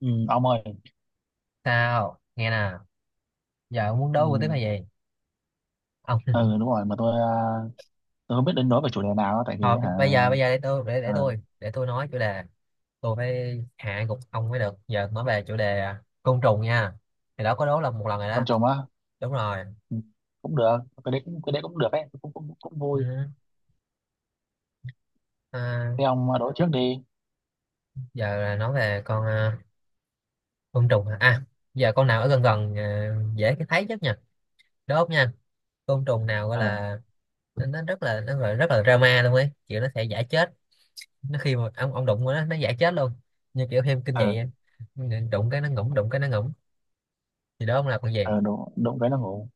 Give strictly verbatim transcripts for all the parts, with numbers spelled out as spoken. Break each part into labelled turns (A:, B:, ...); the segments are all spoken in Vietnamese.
A: Ừ, ông ơi.
B: Sao nghe nè. Giờ ông muốn
A: Ừ,
B: đấu với tiếp hay gì, ông?
A: ừ đúng rồi. Mà tôi à, tôi không biết đến nói về chủ đề nào á, tại vì
B: Thôi
A: hả?
B: bây giờ bây giờ để tôi để để
A: ờ,
B: tôi để tôi nói chủ đề. Tôi phải hạ gục ông mới được. Giờ nói về chủ đề à, côn trùng nha. Thì đó có đố là một lần rồi
A: con
B: đó.
A: chồng á.
B: Đúng rồi.
A: Ừ, cũng được. Cái đấy cũng cái đấy cũng được ấy, cũng cũng, cũng
B: Ừ.
A: vui.
B: À.
A: Thế ông đối trước đi.
B: Giờ là nói về con à, côn trùng hả? À. Giờ con nào ở gần gần à, dễ cái thấy nhất nha, đốt nha. Côn trùng nào gọi
A: ờ
B: là nó nó rất là nó gọi rất là drama luôn ấy, kiểu nó sẽ giả chết. Nó khi mà ông ông đụng vào nó nó giả chết luôn, như kiểu phim kinh
A: ờ
B: dị á. Đụng cái nó ngủm, đụng cái nó ngủm. Thì đó, ông làm con gì?
A: ờ đụng đụng cái nó ngủ.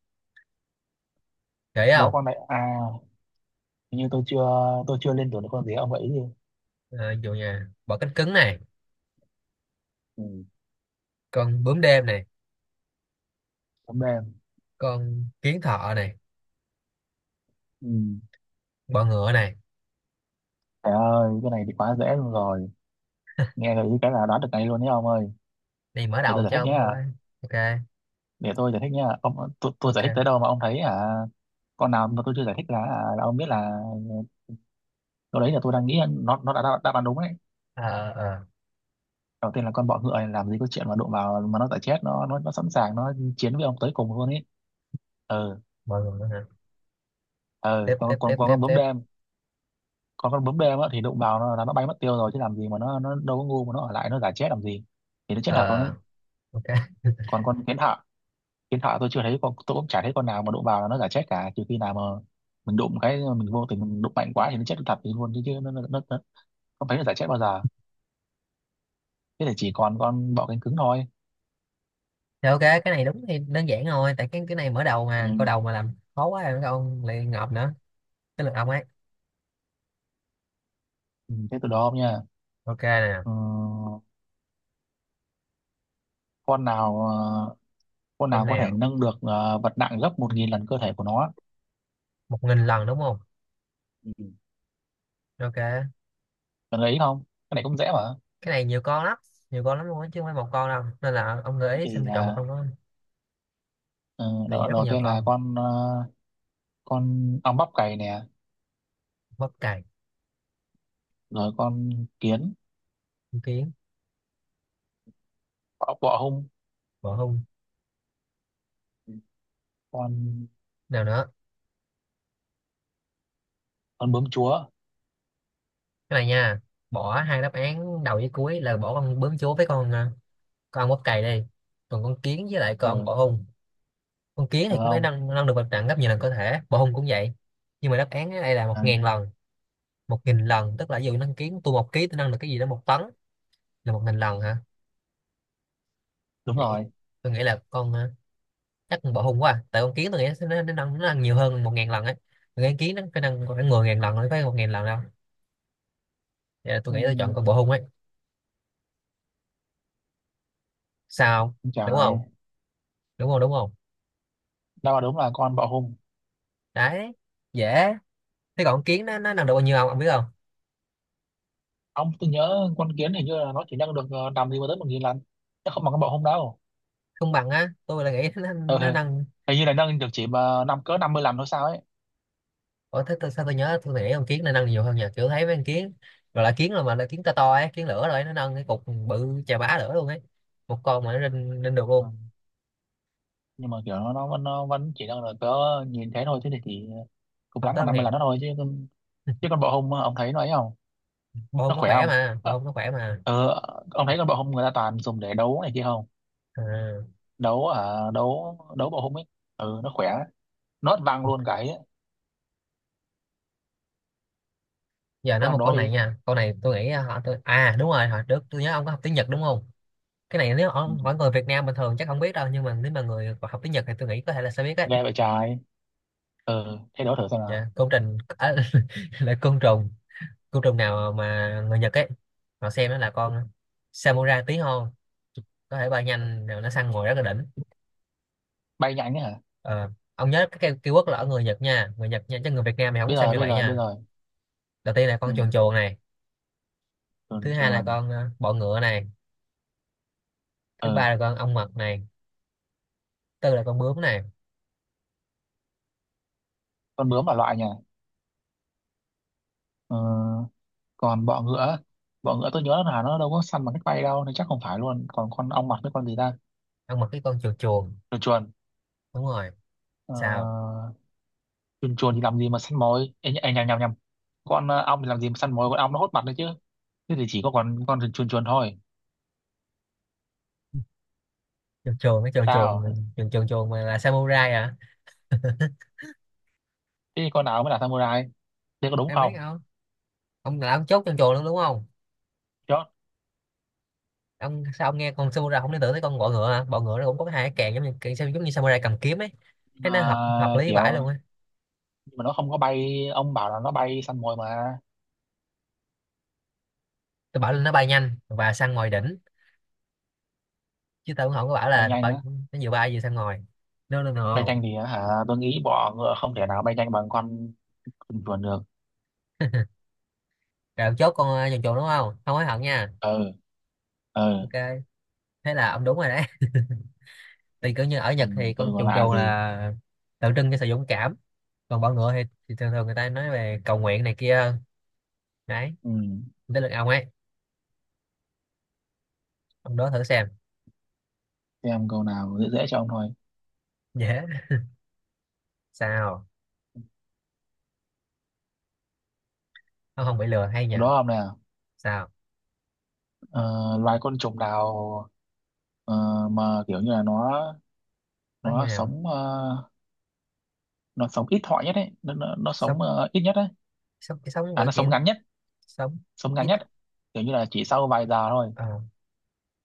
B: Dễ
A: Có
B: không?
A: con này à? Hình như tôi chưa tôi chưa lên tuổi được. Con gì ông gợi ý đi?
B: À, dù nhà bọ cánh cứng này,
A: Ừ,
B: con bướm đêm này,
A: tấm đen.
B: con kiến thợ này,
A: Ừ,
B: bọ ngựa này.
A: trời ơi, cái này thì quá dễ luôn rồi. Nghe gợi ý cái là đoán được ngay luôn nhé ông ơi.
B: Này mở
A: Để tôi
B: đầu
A: giải
B: cho
A: thích
B: ông
A: nhé.
B: thôi. OK.
A: Để tôi giải thích nha ông. Tôi, tôi giải thích tới
B: OK.
A: đâu mà ông thấy à, con nào mà tôi chưa giải thích là, à, là ông biết là lúc đấy là tôi đang nghĩ nó nó đã đáp đáp án đúng đấy.
B: Ờ ờ ờ.
A: Đầu tiên là con bọ ngựa này, làm gì có chuyện mà đụng vào mà nó giải chết. Nó nó nó sẵn sàng nó chiến với ông tới cùng luôn ấy. Ừ.
B: Bọ ngựa hả?
A: Ừ,
B: Tiếp, tiếp,
A: còn
B: tiếp,
A: còn còn
B: tiếp,
A: con bướm
B: tiếp.
A: đêm. Còn con bướm đêm á, thì đụng vào nó là nó bay mất tiêu rồi, chứ làm gì mà nó nó đâu có ngu mà nó ở lại nó giải chết làm gì. Thì nó chết
B: Ờ.
A: thật luôn ấy.
B: OK.
A: Còn con kiến thợ, hiện tại tôi chưa thấy con, tôi cũng chả thấy con nào mà đụng vào là nó giả chết cả, trừ khi nào mà mình đụng cái, mình vô tình mình đụng mạnh quá thì nó chết thật thì luôn. Chứ chứ nó, nó, nó, nó không thấy nó giả chết bao giờ. Thế thì chỉ còn con bọ cánh cứng thôi.
B: Thì OK, cái này đúng thì đơn giản rồi, tại cái cái này mở đầu
A: Ừ.
B: mà câu đầu mà làm khó quá rồi ông lại ngợp nữa. Cái lượt ông ấy.
A: Ừ, thế từ đó không nha.
B: OK nè.
A: Ừ, con nào ờ, con
B: Con
A: nào có thể
B: nào?
A: nâng được ờ, vật nặng gấp một nghìn lần cơ thể của nó.
B: Một nghìn lần đúng không?
A: Ừ.
B: OK.
A: Cần ấy không? Cái này cũng dễ mà.
B: Cái này nhiều con lắm, nhiều con lắm luôn á, chứ không phải một con đâu, nên là ông gợi
A: Thế
B: ý xem
A: thì
B: tôi chọn một
A: à,
B: con đó.
A: ờ,
B: Này
A: đầu,
B: rất là
A: đầu
B: nhiều
A: tiên là
B: con.
A: con ờ, con ong bắp cày nè.
B: Bắp cày.
A: Rồi con kiến,
B: Con kiến.
A: bọ, bọ hung.
B: Bọ hung.
A: Ừ. con
B: Nào nữa?
A: con bướm chúa.
B: Cái này nha. Bỏ hai đáp án đầu với cuối là bỏ con bướm chúa với con à, con bắp cày đi. Còn con kiến với lại con
A: Ờ,
B: bọ hung. Con kiến
A: được
B: thì cũng phải
A: không?
B: nâng nâng được vật trận gấp nhiều lần có thể, bọ hung cũng vậy. Nhưng mà đáp án ở đây là một
A: À,
B: ngàn lần một nghìn lần, tức là ví dụ nâng kiến tôi một ký, tôi nâng được cái gì đó một tấn, là một nghìn lần hả?
A: đúng
B: Vậy thì
A: rồi.
B: tôi nghĩ là con à, chắc con bọ hung quá à. Tại con kiến tôi nghĩ nó nó nâng, nó nâng nhiều hơn một ngàn lần ấy. Tôi nghĩ kiến nó phải nâng khoảng mười ngàn lần mới phải, một ngàn lần đâu. Vậy là tôi nghĩ tôi chọn
A: Ừm,
B: con bọ hung ấy. Sao?
A: trời
B: Đúng
A: ơi.
B: không? Đúng không? Đúng không?
A: Đâu mà đúng là con bọ hung.
B: Đấy. Dễ. Thế còn con kiến nó nó nâng được bao nhiêu không, ông biết không?
A: Ông, tôi nhớ con kiến hình như là nó chỉ nâng được ờ, nằm gì mà tới một nghìn lần, chứ không bằng con bọ hung đâu.
B: Không bằng á, tôi là nghĩ nó,
A: Ừ.
B: nó nâng.
A: Hình như là nâng được chỉ mà năm cỡ năm mươi lần thôi sao ấy.
B: Ủa, thế tôi, sao tôi nhớ tôi nghĩ con kiến nó nâng nhiều hơn, nhờ kiểu thấy mấy con kiến rồi là kiến là mà là kiến to to ấy, kiến lửa rồi ấy, nó nâng cái cục bự chà bá lửa luôn ấy. Một con mà nó lên lên được
A: Ừ.
B: luôn,
A: Nhưng mà kiểu nó, nó vẫn nó vẫn chỉ nâng được cỡ nhìn thế thôi, thế thì chỉ cùng
B: không
A: lắm là
B: tới một
A: năm mươi lần
B: ngàn.
A: đó thôi, chứ con- chứ con bọ hung ông thấy nó ấy không?
B: Bông
A: Nó
B: nó
A: khỏe
B: khỏe
A: không?
B: mà, bông nó khỏe mà.
A: Ờ, ừ. Ông thấy con bọ hung người ta toàn dùng để đấu này kia không?
B: À.
A: đấu à đấu đấu bọ hung ấy. Ừ, nó khỏe. Nó văng luôn cái ấy.
B: Giờ
A: Thế
B: nói
A: ông
B: một
A: đó
B: câu này
A: đi.
B: nha, câu này tôi nghĩ à, họ tôi à, đúng rồi, hồi trước tôi nhớ ông có học tiếng Nhật đúng không? Cái này nếu
A: Ừ.
B: ông hỏi người Việt Nam bình thường chắc không biết đâu, nhưng mà nếu mà người học tiếng Nhật thì tôi nghĩ có thể là sẽ biết đấy.
A: Ghê vậy trái. Ừ, thế đố thử xem
B: Dạ,
A: nào.
B: côn trùng à, là côn trùng. Côn trùng nào mà người Nhật ấy họ xem nó là con samurai tí hon, có thể bay nhanh rồi nó săn mồi rất là đỉnh.
A: Bay nhanh ấy hả?
B: Ờ, ông nhớ cái cây keyword là ở người Nhật nha, người Nhật nha, chứ người Việt Nam thì không có
A: Bây
B: xem
A: giờ,
B: như
A: bây
B: vậy
A: giờ, bây
B: nha.
A: giờ.
B: Đầu tiên là
A: Ừ,
B: con chuồn chuồn này.
A: chuồn
B: Thứ hai là
A: chuồn.
B: con ờ, bọ ngựa này. Thứ ba
A: Ừ,
B: là con ong mật này. Tư là con bướm này.
A: con bướm là loại nhỉ? Ừ, còn bọ ngựa. Bọ ngựa tôi nhớ là nó đâu có săn bằng cách bay đâu, nên chắc không phải luôn. Còn con ong mật với con gì ta?
B: Ông mặc cái con chuồn chuồn.
A: Chuồn chuồn.
B: Đúng rồi.
A: Ờ,
B: Sao?
A: chuồn chuồn thì làm gì mà săn mồi? Ê, nh- ê, nhầm, nhầm, nhầm. Con ờ, ong thì làm gì mà săn mồi, con ong nó hốt mặt đấy chứ. Thế thì chỉ có con con chuồn chuồn thôi.
B: Chuồn chuồn cái chuồn chuồn.
A: Sao?
B: Chuồn chuồn chuồn mà là samurai à?
A: Thế thì con nào mới là samurai? Thế có đúng
B: Em biết
A: không?
B: không, ông là ông chốt chuồn chuồn luôn đúng không?
A: Chốt.
B: Ông, sao ông nghe con samurai không liên tưởng tới con bọ ngựa hả? Bọ ngựa nó cũng có hai cái càng giống như cái- giống như samurai cầm kiếm ấy. Thế
A: Mà
B: nó hợp hợp lý
A: kiểu
B: vãi luôn á.
A: nhưng mà nó không có bay, ông bảo là nó bay săn mồi mà.
B: Tôi bảo là nó bay nhanh và săn ngồi đỉnh, chứ tôi cũng không có bảo
A: Bay
B: là
A: nhanh
B: bay,
A: á?
B: nó vừa bay vừa săn ngồi. No, no,
A: Bay
B: no.
A: nhanh thì hả, tôi nghĩ bọ ngựa không thể nào bay nhanh bằng con cừu chuồn được.
B: Rồi ông chốt con uh, chuồn chuồn đúng không, không hối hận nha?
A: Ừ. Ừ,
B: OK, thế là ông đúng rồi đấy. Thì kiểu như ở
A: ừ,
B: Nhật thì
A: tôi
B: con
A: còn
B: chuồn
A: lạ
B: chuồn
A: gì.
B: là tượng trưng cho sự dũng cảm. Còn bọ ngựa thì, thì thường thường người ta nói về cầu nguyện này kia hơn. Đấy.
A: Ừ,
B: Tới lượt ông ấy. Ông đó thử xem.
A: xem câu nào dễ dễ cho ông thôi.
B: Dễ. Sao? Ông không bị lừa hay
A: Câu
B: nhờ?
A: đó ông nào?
B: Sao?
A: ờ, Loài côn trùng nào ờ, mà kiểu như là nó,
B: Nó như
A: nó
B: nào?
A: sống ờ, nó sống ít thọ nhất ấy. Nó, nó, nó
B: Sống?
A: sống ờ, ít nhất ấy.
B: Sống cái sống
A: À,
B: Gọi
A: nó sống
B: kiểu
A: ngắn nhất.
B: sống
A: Sống ngắn
B: ít
A: nhất, kiểu như là chỉ sau vài giờ thôi.
B: à,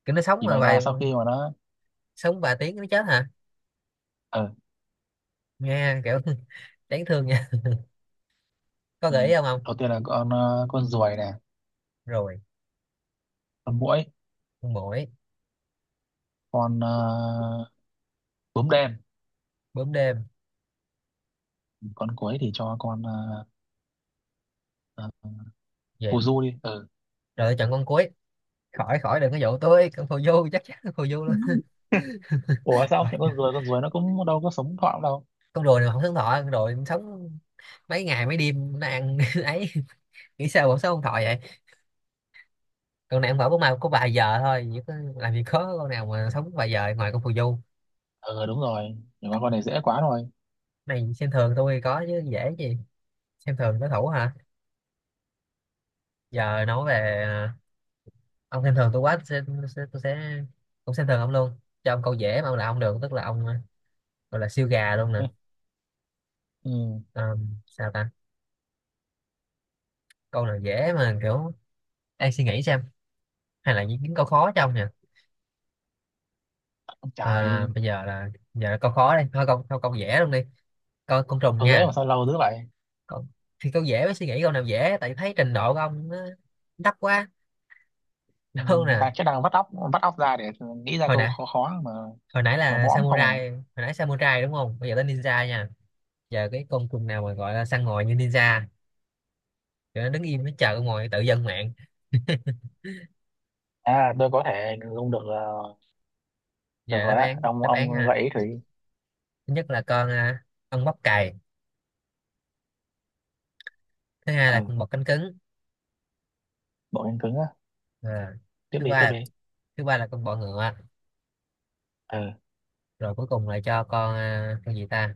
B: kiểu nó sống
A: Chỉ
B: mà
A: vài giờ
B: vài.
A: sau khi mà nó
B: Sống vài tiếng nó chết hả?
A: ờ.
B: Nghe kiểu đáng thương nha. Có
A: Ừ.
B: gợi ý không ông?
A: Đầu tiên là con ờ, con ruồi nè.
B: Rồi.
A: Con muỗi.
B: Con muỗi.
A: con ờ, bướm đen.
B: Bướm đêm.
A: Con cuối thì cho con ờ, ờ,
B: Gì
A: phù
B: rồi?
A: du đi. Ừ.
B: Tôi chọn con cuối. Khỏi khỏi đừng có dụ tôi, con phù du, chắc chắn con phù du luôn.
A: Ủa sao không
B: Khỏi.
A: chọn con ruồi, con ruồi nó cũng đâu có sống thọ đâu.
B: Con rùa này mà không sống thọ? Con rùa sống mấy ngày mấy đêm nó ăn ấy. Nghĩ sao bọn sống không thọ vậy? Con này ăn phở bún mai có vài giờ thôi, chứ có làm gì có con nào mà sống vài giờ ngoài con phù du.
A: Ừ, đúng rồi. Nhưng mà con này dễ quá rồi.
B: Này xem thường tôi có chứ, dễ gì. Xem thường đối thủ hả? Giờ nói về à, ông xem thường tôi quá, tôi sẽ, tôi sẽ, tôi sẽ cũng xem thường ông luôn, cho ông câu dễ mà ông là ông được, tức là ông à, gọi là siêu gà luôn nè.
A: Ừ. Ừ,
B: Ờ, sao ta? Câu nào dễ mà kiểu đang suy nghĩ xem, hay là những những câu khó cho ông nhỉ?
A: ông
B: À,
A: trời.
B: bây giờ là giờ là câu khó đây thôi. Câu câu câu dễ luôn đi. Câu con trùng
A: Con dễ
B: nha.
A: mà sao lâu dữ vậy?
B: Câu, thì câu dễ mới suy nghĩ câu nào dễ, tại thấy trình độ của ông nó thấp quá.
A: Ừ.
B: Đâu nè.
A: Đang chắc đang vắt óc vắt óc ra để nghĩ ra
B: hồi
A: câu
B: nãy
A: khó khó mà.
B: hồi nãy
A: Mà
B: là
A: mõm không à?
B: samurai, hồi nãy samurai đúng không? Bây giờ tới ninja nha. Giờ cái con trùng nào mà gọi là săn mồi như ninja, kiểu nó đứng im nó chờ con mồi tự dân mạng.
A: À tôi có thể dùng được ờ. Được
B: Giờ
A: rồi
B: đáp
A: á
B: án,
A: ông
B: đáp án
A: ông
B: ha.
A: gợi ý thử đi.
B: Thứ nhất là con à, ong bắp cày. Thứ hai là con
A: Ừ,
B: bọ cánh cứng.
A: bộ cánh cứng á?
B: à,
A: Tiếp
B: thứ
A: đi, tiếp
B: ba
A: đi.
B: thứ ba là con bọ ngựa.
A: Ừ.
B: Rồi cuối cùng là cho con à, con gì ta?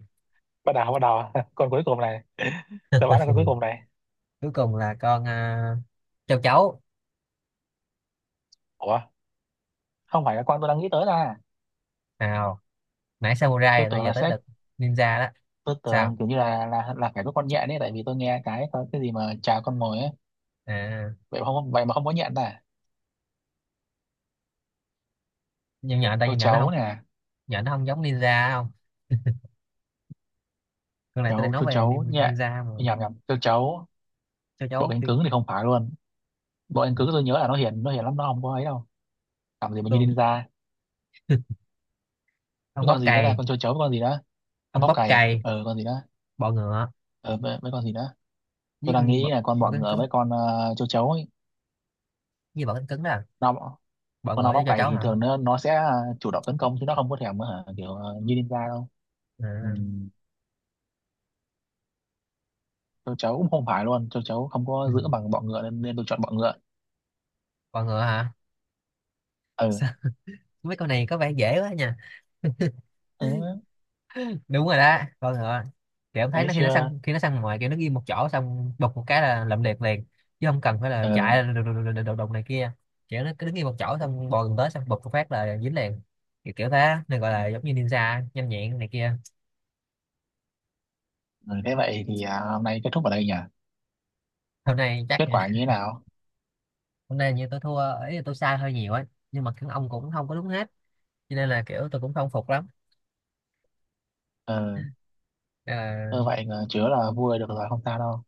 A: bắt đầu Bắt đầu con cuối cùng này. Tôi bán là con cuối cùng này.
B: Cuối cùng là con à, châu chấu.
A: Ủa, không phải. Là con tôi đang nghĩ tới là,
B: Nào? Nãy
A: tôi
B: samurai rồi
A: tưởng
B: giờ
A: là
B: tới
A: sẽ,
B: lượt ninja đó.
A: tôi tưởng
B: Sao?
A: kiểu như là là là phải có con nhện ấy, tại vì tôi nghe cái có cái gì mà chào con mồi ấy.
B: à,
A: Vậy mà không, vậy mà không có nhện à?
B: nhưng nhện, tại
A: Châu
B: nhìn nhện nó
A: chấu
B: không.
A: nè.
B: Nhện nó không giống ninja không? Con này tôi đang
A: Chấu
B: nói
A: châu
B: về
A: chấu,
B: nin-
A: nhện,
B: ninja mà.
A: nhầm nhầm, châu chấu.
B: Châu
A: Bộ
B: chấu
A: cánh
B: thì.
A: cứng thì không phải luôn. Bộ cánh
B: Ừ,
A: cứng tôi nhớ là nó hiền nó hiền lắm, nó không có ấy đâu. Làm gì mà như
B: tôi.
A: ninja.
B: Ông
A: Cái
B: bóp
A: con gì nữa, là
B: cày.
A: con châu chấu với con gì đó, con
B: Ông
A: bóc
B: bóp
A: cày
B: cày.
A: ờ con gì đó,
B: Bọ ngựa
A: ờ với, với con gì đó. Tôi
B: với
A: đang
B: con bọ,
A: nghĩ là con bọ
B: bọ cánh
A: ngựa
B: cứng.
A: với con ờ, châu chấu ấy.
B: Như bọ cánh cứng đó à?
A: Nó,
B: Bọ
A: con
B: ngựa
A: ong bóc
B: với châu
A: cày
B: chấu
A: thì
B: hả?
A: thường nó nó sẽ ờ, chủ động tấn công, chứ nó không có thèm ờ, kiểu ờ, như ninja đâu. Ừ.
B: À.
A: Tôi cháu cũng không phải luôn, tôi cháu không
B: Ừ.
A: có giữ bằng bọ ngựa nên, nên tôi chọn bọ ngựa.
B: Bọ ngựa hả?
A: Ừ.
B: Sao? Mấy con này có vẻ dễ quá nha.
A: Ừ
B: Đúng rồi đó, con ngựa. Thì ông
A: thế
B: thấy nó khi nó
A: chưa.
B: săn, khi nó săn ngoài kiểu nó ghi một chỗ xong đục một cái là lậm liệt liền, chứ không cần phải là
A: Ừ.
B: chạy đùng đùng này kia. Kiểu nó cứ đứng ghi một chỗ xong bò gần tới xong bụp một phát là dính liền, kiểu, kiểu thế nên gọi là giống như ninja nhanh nhẹn này kia.
A: ừ Thế vậy thì à, hôm nay kết thúc ở đây nhỉ.
B: Hôm nay chắc
A: Kết quả như thế nào?
B: hôm nay như tôi thua ấy, là tôi sai hơi nhiều ấy. Nhưng mà các ông cũng không có đúng hết, cho nên là kiểu tôi cũng không phục lắm.
A: Ừ,
B: Nên
A: ừ
B: là
A: vậy là chứa là vui được rồi, không sao đâu.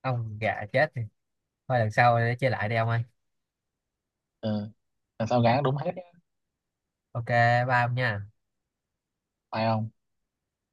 B: ông gà chết thì thôi, lần sau để chơi lại đi ông ơi.
A: Ừ, làm sao gắng đúng hết.
B: OK. Ba ông nha.
A: Phải không?